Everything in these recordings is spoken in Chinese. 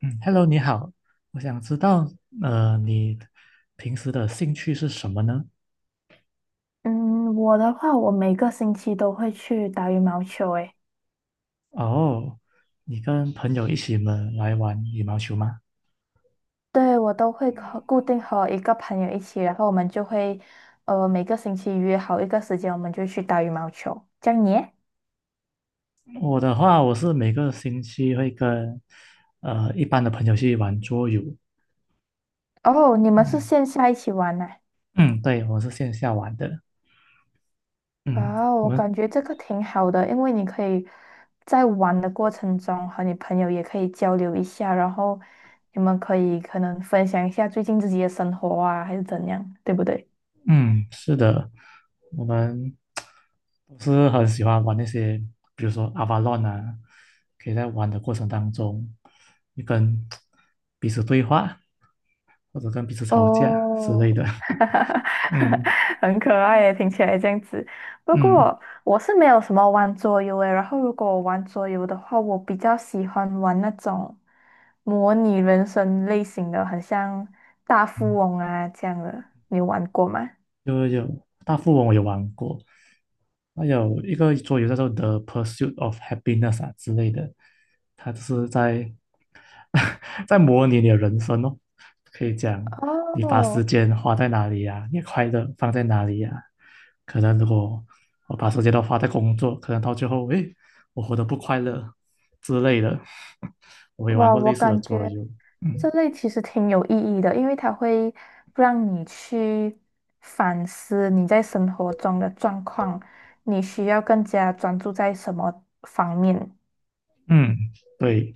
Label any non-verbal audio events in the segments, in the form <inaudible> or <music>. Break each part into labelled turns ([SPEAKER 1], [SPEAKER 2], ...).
[SPEAKER 1] 嗯，Hello，你好，我想知道，你平时的兴趣是什么呢？
[SPEAKER 2] 嗯，我的话，我每个星期都会去打羽毛球，诶，
[SPEAKER 1] 哦，你跟朋友一起们来玩羽毛球吗？
[SPEAKER 2] 对，我都会固定和一个朋友一起，然后我们就会，每个星期约好一个时间，我们就去打羽毛球。这样你耶
[SPEAKER 1] 我的话，我是每个星期会跟一般的朋友去玩桌游，
[SPEAKER 2] 哦，你们是
[SPEAKER 1] 嗯
[SPEAKER 2] 线下一起玩呢？
[SPEAKER 1] 嗯，对，我是线下玩的，
[SPEAKER 2] 哇
[SPEAKER 1] 嗯，
[SPEAKER 2] 哦，
[SPEAKER 1] 我
[SPEAKER 2] 我
[SPEAKER 1] 们
[SPEAKER 2] 感觉这个挺好的，因为你可以在玩的过程中和你朋友也可以交流一下，然后你们可能分享一下最近自己的生活啊，还是怎样，对不对？
[SPEAKER 1] 嗯，是的，我们都是很喜欢玩那些，比如说 Avalon 啊，可以在玩的过程当中，你跟彼此对话，或者跟彼此吵架之
[SPEAKER 2] 哦，
[SPEAKER 1] 类的。<laughs> 嗯
[SPEAKER 2] <laughs> 很可爱耶，听起来这样子。不
[SPEAKER 1] 嗯
[SPEAKER 2] 过我是没有什么玩桌游诶，然后如果我玩桌游的话，我比较喜欢玩那种模拟人生类型的，很像大富
[SPEAKER 1] 嗯。
[SPEAKER 2] 翁啊这样的。你有玩过吗？
[SPEAKER 1] 有大富翁我有玩过，还有一个桌游叫做《The Pursuit of Happiness》啊之类的，它就是在 <laughs> 在模拟你的人生哦，可以讲你把时
[SPEAKER 2] 哦，
[SPEAKER 1] 间花在哪里呀、你的快乐放在哪里呀、可能如果我把时间都花在工作，可能到最后，诶，我活得不快乐之类的。<laughs> 我也玩
[SPEAKER 2] 哇，
[SPEAKER 1] 过类
[SPEAKER 2] 我
[SPEAKER 1] 似的
[SPEAKER 2] 感
[SPEAKER 1] 桌
[SPEAKER 2] 觉。
[SPEAKER 1] 游，
[SPEAKER 2] 这
[SPEAKER 1] 嗯
[SPEAKER 2] 类其实挺有意义的，因为它会让你去反思你在生活中的状况，你需要更加专注在什么方面。
[SPEAKER 1] 嗯，对。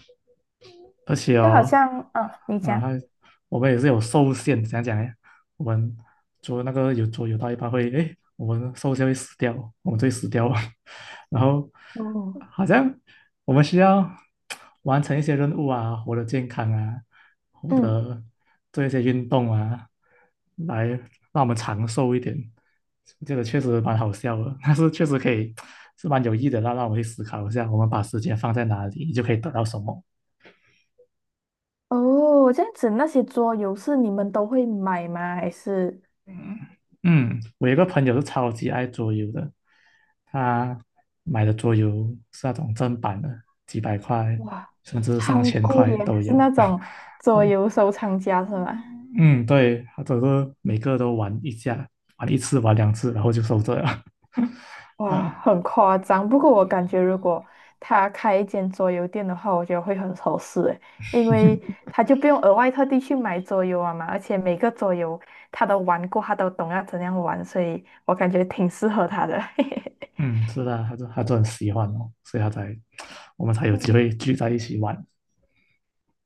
[SPEAKER 1] 而且
[SPEAKER 2] 就好
[SPEAKER 1] 哦，
[SPEAKER 2] 像，啊，你
[SPEAKER 1] 啊，
[SPEAKER 2] 讲，
[SPEAKER 1] 我们也是有受限，怎样讲呢？我们做那个有做有到一半会，哎，我们受限会死掉，我们就会死掉啊。<laughs> 然后
[SPEAKER 2] 哦，
[SPEAKER 1] 好像我们需要 <tsk> 完成一些任务啊，活得健康啊，活
[SPEAKER 2] 嗯，
[SPEAKER 1] 得做一些运动啊，来让我们长寿一点。这个确实蛮好笑的，但是确实可以 <tsk> 是蛮有益的，让我们去思考一下，我们把时间放在哪里，你就可以得到什么。
[SPEAKER 2] 哦，这样子那些桌游是你们都会买吗？还是
[SPEAKER 1] 嗯，我有一个朋友是超级爱桌游的，他买的桌游是那种正版的，几百块
[SPEAKER 2] 哇，
[SPEAKER 1] 甚至上
[SPEAKER 2] 超
[SPEAKER 1] 千
[SPEAKER 2] 贵
[SPEAKER 1] 块
[SPEAKER 2] 耶，
[SPEAKER 1] 都
[SPEAKER 2] 是
[SPEAKER 1] 有。
[SPEAKER 2] 那种
[SPEAKER 1] <laughs>
[SPEAKER 2] 桌
[SPEAKER 1] 对，
[SPEAKER 2] 游收藏家是吗？
[SPEAKER 1] 嗯，对，他都是每个都玩一下，玩一次，玩两次，然后就收着了。<laughs>
[SPEAKER 2] 哇，
[SPEAKER 1] 嗯
[SPEAKER 2] 很夸张。不过我感觉，如果他开一间桌游店的话，我觉得会很合适诶，因为他就不用额外特地去买桌游啊嘛，而且每个桌游他都玩过，他都懂要怎样玩，所以我感觉挺适合他的。<laughs>
[SPEAKER 1] 嗯，是的，他就很喜欢哦，所以他才 <tsk> 我们才有机会
[SPEAKER 2] 嗯，
[SPEAKER 1] 聚在一起玩。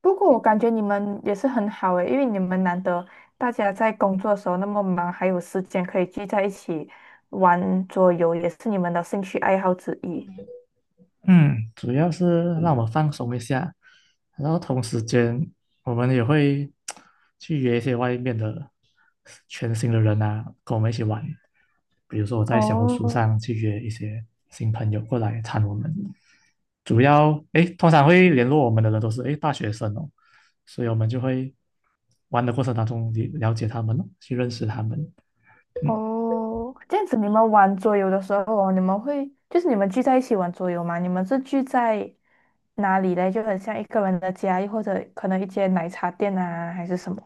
[SPEAKER 2] 不过我感觉你们也是很好诶，因为你们难得大家在工作的时候那么忙，还有时间可以聚在一起玩桌游，也是你们的兴趣爱好之一。
[SPEAKER 1] 嗯，主要是让我放松一下，然后同时间我们也会 <tsk> 去约一些外面的全新的人啊，跟我们一起玩。比如说我在小红书上
[SPEAKER 2] 哦，
[SPEAKER 1] 去约一些新朋友过来参我们，主要诶，通常会联络我们的人都是诶大学生哦，所以我们就会玩的过程当中了解他们哦，去认识他们，嗯，
[SPEAKER 2] 哦，这样子你们玩桌游的时候哦，你们会就是你们聚在一起玩桌游吗？你们是聚在哪里嘞？就很像一个人的家，又或者可能一间奶茶店啊，还是什么？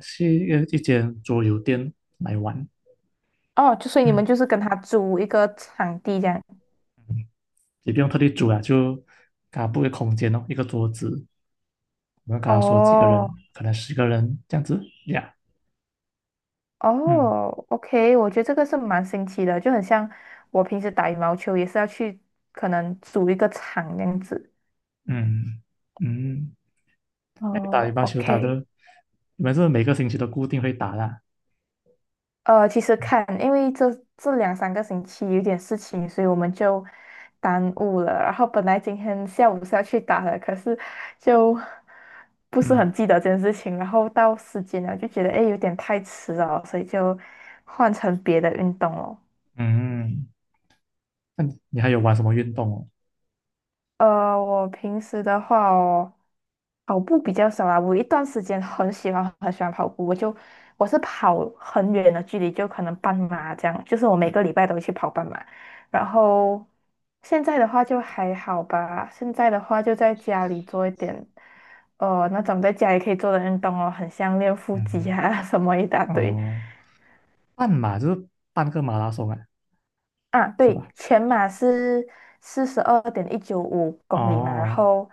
[SPEAKER 1] 去一间桌游店来玩，
[SPEAKER 2] 哦，就所以你
[SPEAKER 1] 嗯。
[SPEAKER 2] 们就是跟他租一个场地这样。
[SPEAKER 1] 也不用特地煮啊，就给他布一个空间哦，一个桌子，我们跟他说几个人，
[SPEAKER 2] 哦
[SPEAKER 1] 可能10个人这样子呀。嗯
[SPEAKER 2] 哦，OK，我觉得这个是蛮新奇的，就很像我平时打羽毛球也是要去可能租一个场这样子。
[SPEAKER 1] 嗯嗯，那你打羽
[SPEAKER 2] 哦
[SPEAKER 1] 毛球打的，
[SPEAKER 2] ，OK。
[SPEAKER 1] 你们是每个星期都固定会打啦？
[SPEAKER 2] 其实看，因为这两三个星期有点事情，所以我们就耽误了。然后本来今天下午是要去打的，可是就不是
[SPEAKER 1] 嗯
[SPEAKER 2] 很记得这件事情。然后到时间了，就觉得诶有点太迟了，所以就换成别的运动了。
[SPEAKER 1] 嗯，那你还有玩什么运动哦？
[SPEAKER 2] 我平时的话哦，跑步比较少啦。我有一段时间很喜欢很喜欢跑步，我是跑很远的距离，就可能半马这样，就是我每
[SPEAKER 1] 嗯
[SPEAKER 2] 个礼拜都会去跑半马。然后现在的话就还好吧，现在的话就在家里做一点，那种在家里可以做的运动哦，很像练腹肌
[SPEAKER 1] 嗯
[SPEAKER 2] 啊 <laughs> 什么一大堆。
[SPEAKER 1] 哦，半马就是半个马拉松啊，
[SPEAKER 2] 啊，
[SPEAKER 1] 是
[SPEAKER 2] 对，
[SPEAKER 1] 吧？
[SPEAKER 2] 全马是42.195公里嘛，然
[SPEAKER 1] 哦，
[SPEAKER 2] 后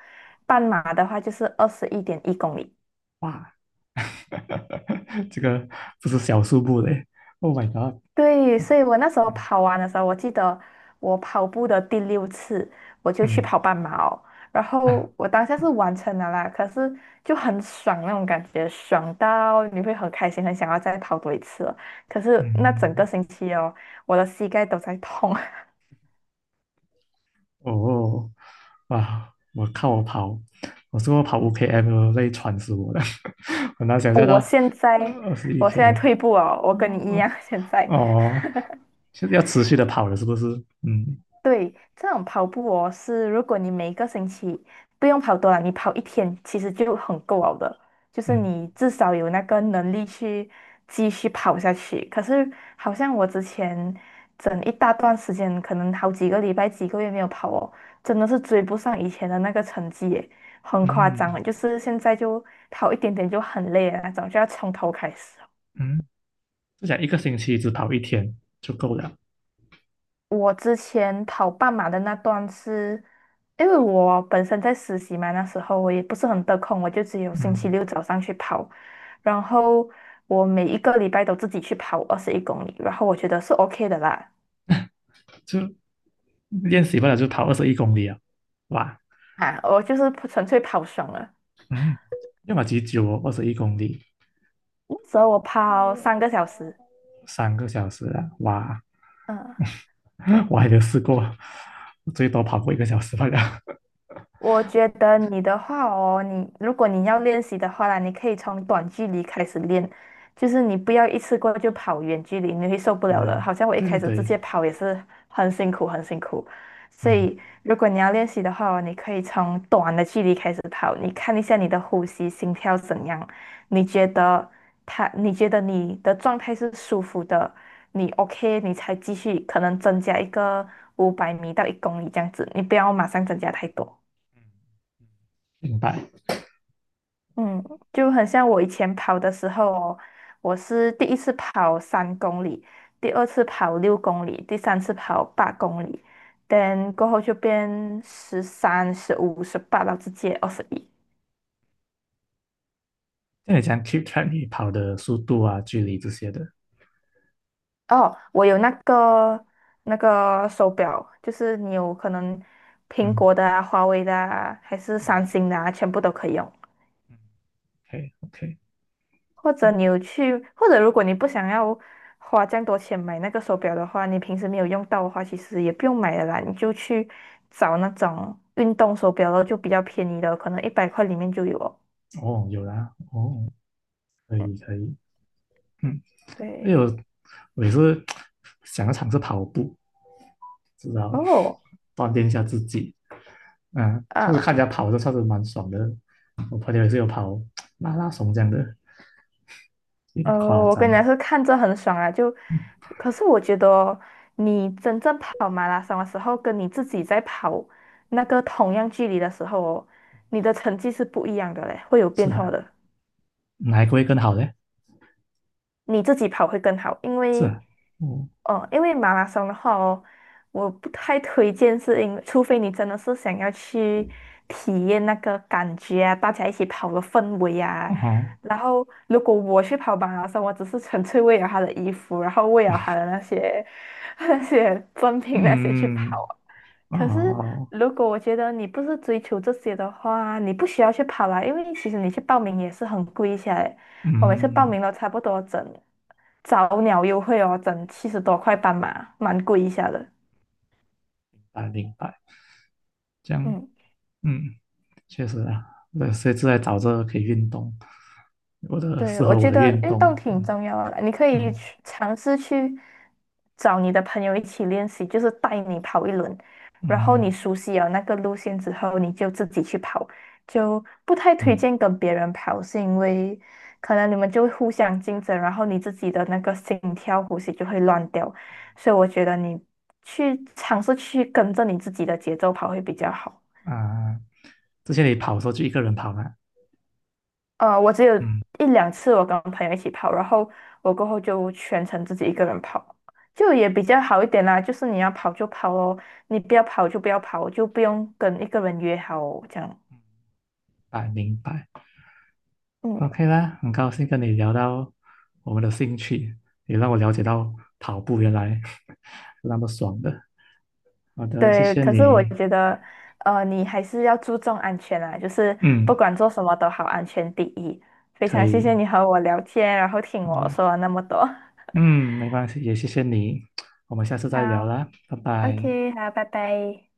[SPEAKER 2] 半马的话就是21.1公里。
[SPEAKER 1] 哇，<laughs> 这个不是小数目嘞！Oh my god！
[SPEAKER 2] 对，所以我那时候
[SPEAKER 1] 嗯
[SPEAKER 2] 跑完的时候，我记得我跑步的第六次，我就去
[SPEAKER 1] 嗯
[SPEAKER 2] 跑半马哦。然后
[SPEAKER 1] 啊
[SPEAKER 2] 我当下是完成了啦，可是就很爽那种感觉，爽到你会很开心，很想要再跑多一次了。可是那整
[SPEAKER 1] 嗯。
[SPEAKER 2] 个星期哦，我的膝盖都在痛。<laughs>
[SPEAKER 1] 哦，哇！我看我跑，我跑5 km 累喘死我了，<laughs> 很难想象
[SPEAKER 2] 我
[SPEAKER 1] 到
[SPEAKER 2] 现在
[SPEAKER 1] 二十一
[SPEAKER 2] 我现在
[SPEAKER 1] km，
[SPEAKER 2] 退步哦，我跟你一
[SPEAKER 1] 哦
[SPEAKER 2] 样，现在。
[SPEAKER 1] 哦，就是要持续的跑了，是不是？嗯
[SPEAKER 2] 对，这种跑步哦，是如果你每一个星期不用跑多了，你跑一天其实就很够了的，就是
[SPEAKER 1] 嗯
[SPEAKER 2] 你至少有那个能力去继续跑下去。可是好像我之前整一大段时间，可能好几个礼拜、几个月没有跑哦，真的是追不上以前的那个成绩耶，很夸张了
[SPEAKER 1] 嗯
[SPEAKER 2] 就是现在就跑一点点就很累的那种，就要从头开始。
[SPEAKER 1] 嗯，就想一个星期只跑一天就够了，
[SPEAKER 2] 我之前跑半马的那段是，因为我本身在实习嘛，那时候我也不是很得空，我就只有星期
[SPEAKER 1] 嗯，
[SPEAKER 2] 六早上去跑，然后我每一个礼拜都自己去跑21公里，然后我觉得是 OK 的啦，
[SPEAKER 1] 就练习不了就跑二十一公里啊，哇，
[SPEAKER 2] 啊，我就是纯粹跑爽了，
[SPEAKER 1] 嗯，要么几久哦，二十一公里，
[SPEAKER 2] 那时候我跑3个小时，
[SPEAKER 1] 三个小时啊，哇，
[SPEAKER 2] 嗯。
[SPEAKER 1] <laughs> 我还没有试过，最多跑过一个小时罢了。
[SPEAKER 2] 我觉得你的话哦，你如果你要练习的话啦，你可以从短距离开始练，就是你不要一次过就跑远距离，你会受不
[SPEAKER 1] 对
[SPEAKER 2] 了
[SPEAKER 1] 对
[SPEAKER 2] 的。好像我一
[SPEAKER 1] 对对
[SPEAKER 2] 开始直
[SPEAKER 1] 对，
[SPEAKER 2] 接跑也是很辛苦，很辛苦。所
[SPEAKER 1] 嗯，
[SPEAKER 2] 以如果你要练习的话哦你可以从短的距离开始跑，你看一下你的呼吸、心跳怎样，你觉得它，你觉得你的状态是舒服的，你 OK，你才继续可能增加一个500米到一公里这样子，你不要马上增加太多。
[SPEAKER 1] 嗯嗯明白。
[SPEAKER 2] 嗯，就很像我以前跑的时候哦，我是第一次跑3公里，第二次跑6公里，第三次跑8公里等过后就变13、15、18到直接二十一。
[SPEAKER 1] 那你讲 keep track 你跑的速度啊、距离这些的，
[SPEAKER 2] 哦，我有那个手表，就是你有可能苹
[SPEAKER 1] 嗯
[SPEAKER 2] 果的啊、华为的啊，还是
[SPEAKER 1] 嗯
[SPEAKER 2] 三星的啊，全部都可以用。
[SPEAKER 1] 嗯，OK OK，
[SPEAKER 2] 或者你有去，或者如果你不想要花这样多钱买那个手表的话，你平时没有用到的话，其实也不用买了啦，你就去找那种运动手表了，就比较便宜的，可能100块里面就有哦。
[SPEAKER 1] 哦，有啦，哦，可
[SPEAKER 2] 嗯，
[SPEAKER 1] 以可以，嗯，哎
[SPEAKER 2] 对。
[SPEAKER 1] 呦，我也是 <tsk> 想要尝试跑步，知道
[SPEAKER 2] 哦，
[SPEAKER 1] 锻炼一下自己，嗯，就是
[SPEAKER 2] 啊，
[SPEAKER 1] 看人家跑，的算是蛮爽的。我朋友也是有跑 <tsk> 马拉松这样的，有点夸
[SPEAKER 2] 我跟
[SPEAKER 1] 张，
[SPEAKER 2] 你讲是看着很爽啊，就，可是我觉得哦你真正跑马拉松的时候，跟你自己在跑那个同样距离的时候哦，你的成绩是不一样的嘞，会有变
[SPEAKER 1] 是
[SPEAKER 2] 化
[SPEAKER 1] 啊，
[SPEAKER 2] 的。
[SPEAKER 1] 哪一个会更好呢？
[SPEAKER 2] 你自己跑会更好，因
[SPEAKER 1] 是
[SPEAKER 2] 为，
[SPEAKER 1] 啊，哦，
[SPEAKER 2] 哦，因为马拉松的话哦，我不太推荐，是因为除非你真的是想要去体验那个感觉啊，大家一起跑的氛围
[SPEAKER 1] 哦
[SPEAKER 2] 啊。
[SPEAKER 1] 吼。
[SPEAKER 2] 然后，如果我去跑马拉松，我只是纯粹为了他的衣服，然后为了他的那些 <laughs> 那些赠品那些去
[SPEAKER 1] 嗯，嗯
[SPEAKER 2] 跑啊可是，
[SPEAKER 1] 哦，
[SPEAKER 2] 如果我觉得你不是追求这些的话，你不需要去跑啦，因为其实你去报名也是很贵一来。我每次报
[SPEAKER 1] 嗯，
[SPEAKER 2] 名都差不多整早鸟优惠哦，整70多块半马，蛮贵一下的。
[SPEAKER 1] 啊，明白，这样，
[SPEAKER 2] 嗯。
[SPEAKER 1] 嗯，确实啊，对，所以就在找这个可以运动，
[SPEAKER 2] 对，
[SPEAKER 1] 适
[SPEAKER 2] 我
[SPEAKER 1] 合我
[SPEAKER 2] 觉
[SPEAKER 1] 的
[SPEAKER 2] 得
[SPEAKER 1] 运
[SPEAKER 2] 运动
[SPEAKER 1] 动，
[SPEAKER 2] 挺
[SPEAKER 1] 嗯
[SPEAKER 2] 重要的你可以
[SPEAKER 1] 嗯
[SPEAKER 2] 去尝试去找你的朋友一起练习，就是带你跑一轮，然后你
[SPEAKER 1] 嗯
[SPEAKER 2] 熟悉了那个路线之后，你就自己去跑，就不太推
[SPEAKER 1] 嗯，
[SPEAKER 2] 荐跟别人跑，是因为可能你们就会互相竞争，然后你自己的那个心跳呼吸就会乱掉，所以我觉得你去尝试去跟着你自己的节奏跑会比较好。
[SPEAKER 1] 啊，之前你跑的时候就一个人跑嘛，
[SPEAKER 2] 我只有
[SPEAKER 1] 嗯，
[SPEAKER 2] 一两次我跟朋友一起跑，然后我过后就全程自己一个人跑，就也比较好一点啦。就是你要跑就跑哦，你不要跑就不要跑，就不用跟一个人约好哦这样。
[SPEAKER 1] 啊，明白
[SPEAKER 2] 嗯，
[SPEAKER 1] ，OK 啦，很高兴跟你聊到我们的兴趣，也让我了解到跑步原来 <laughs> 是那么爽的，好的，谢
[SPEAKER 2] 对。
[SPEAKER 1] 谢
[SPEAKER 2] 可是我
[SPEAKER 1] 你，
[SPEAKER 2] 觉得，你还是要注重安全啊，就是不
[SPEAKER 1] 嗯，
[SPEAKER 2] 管做什么都好，安全第一。非
[SPEAKER 1] 可
[SPEAKER 2] 常谢谢
[SPEAKER 1] 以，
[SPEAKER 2] 你和我聊天，然后听
[SPEAKER 1] 好
[SPEAKER 2] 我
[SPEAKER 1] 的。
[SPEAKER 2] 说了那么多。
[SPEAKER 1] 嗯，没关系，也谢谢你，我们下次再聊
[SPEAKER 2] 好
[SPEAKER 1] 啦，拜拜。
[SPEAKER 2] ，OK，好，拜拜。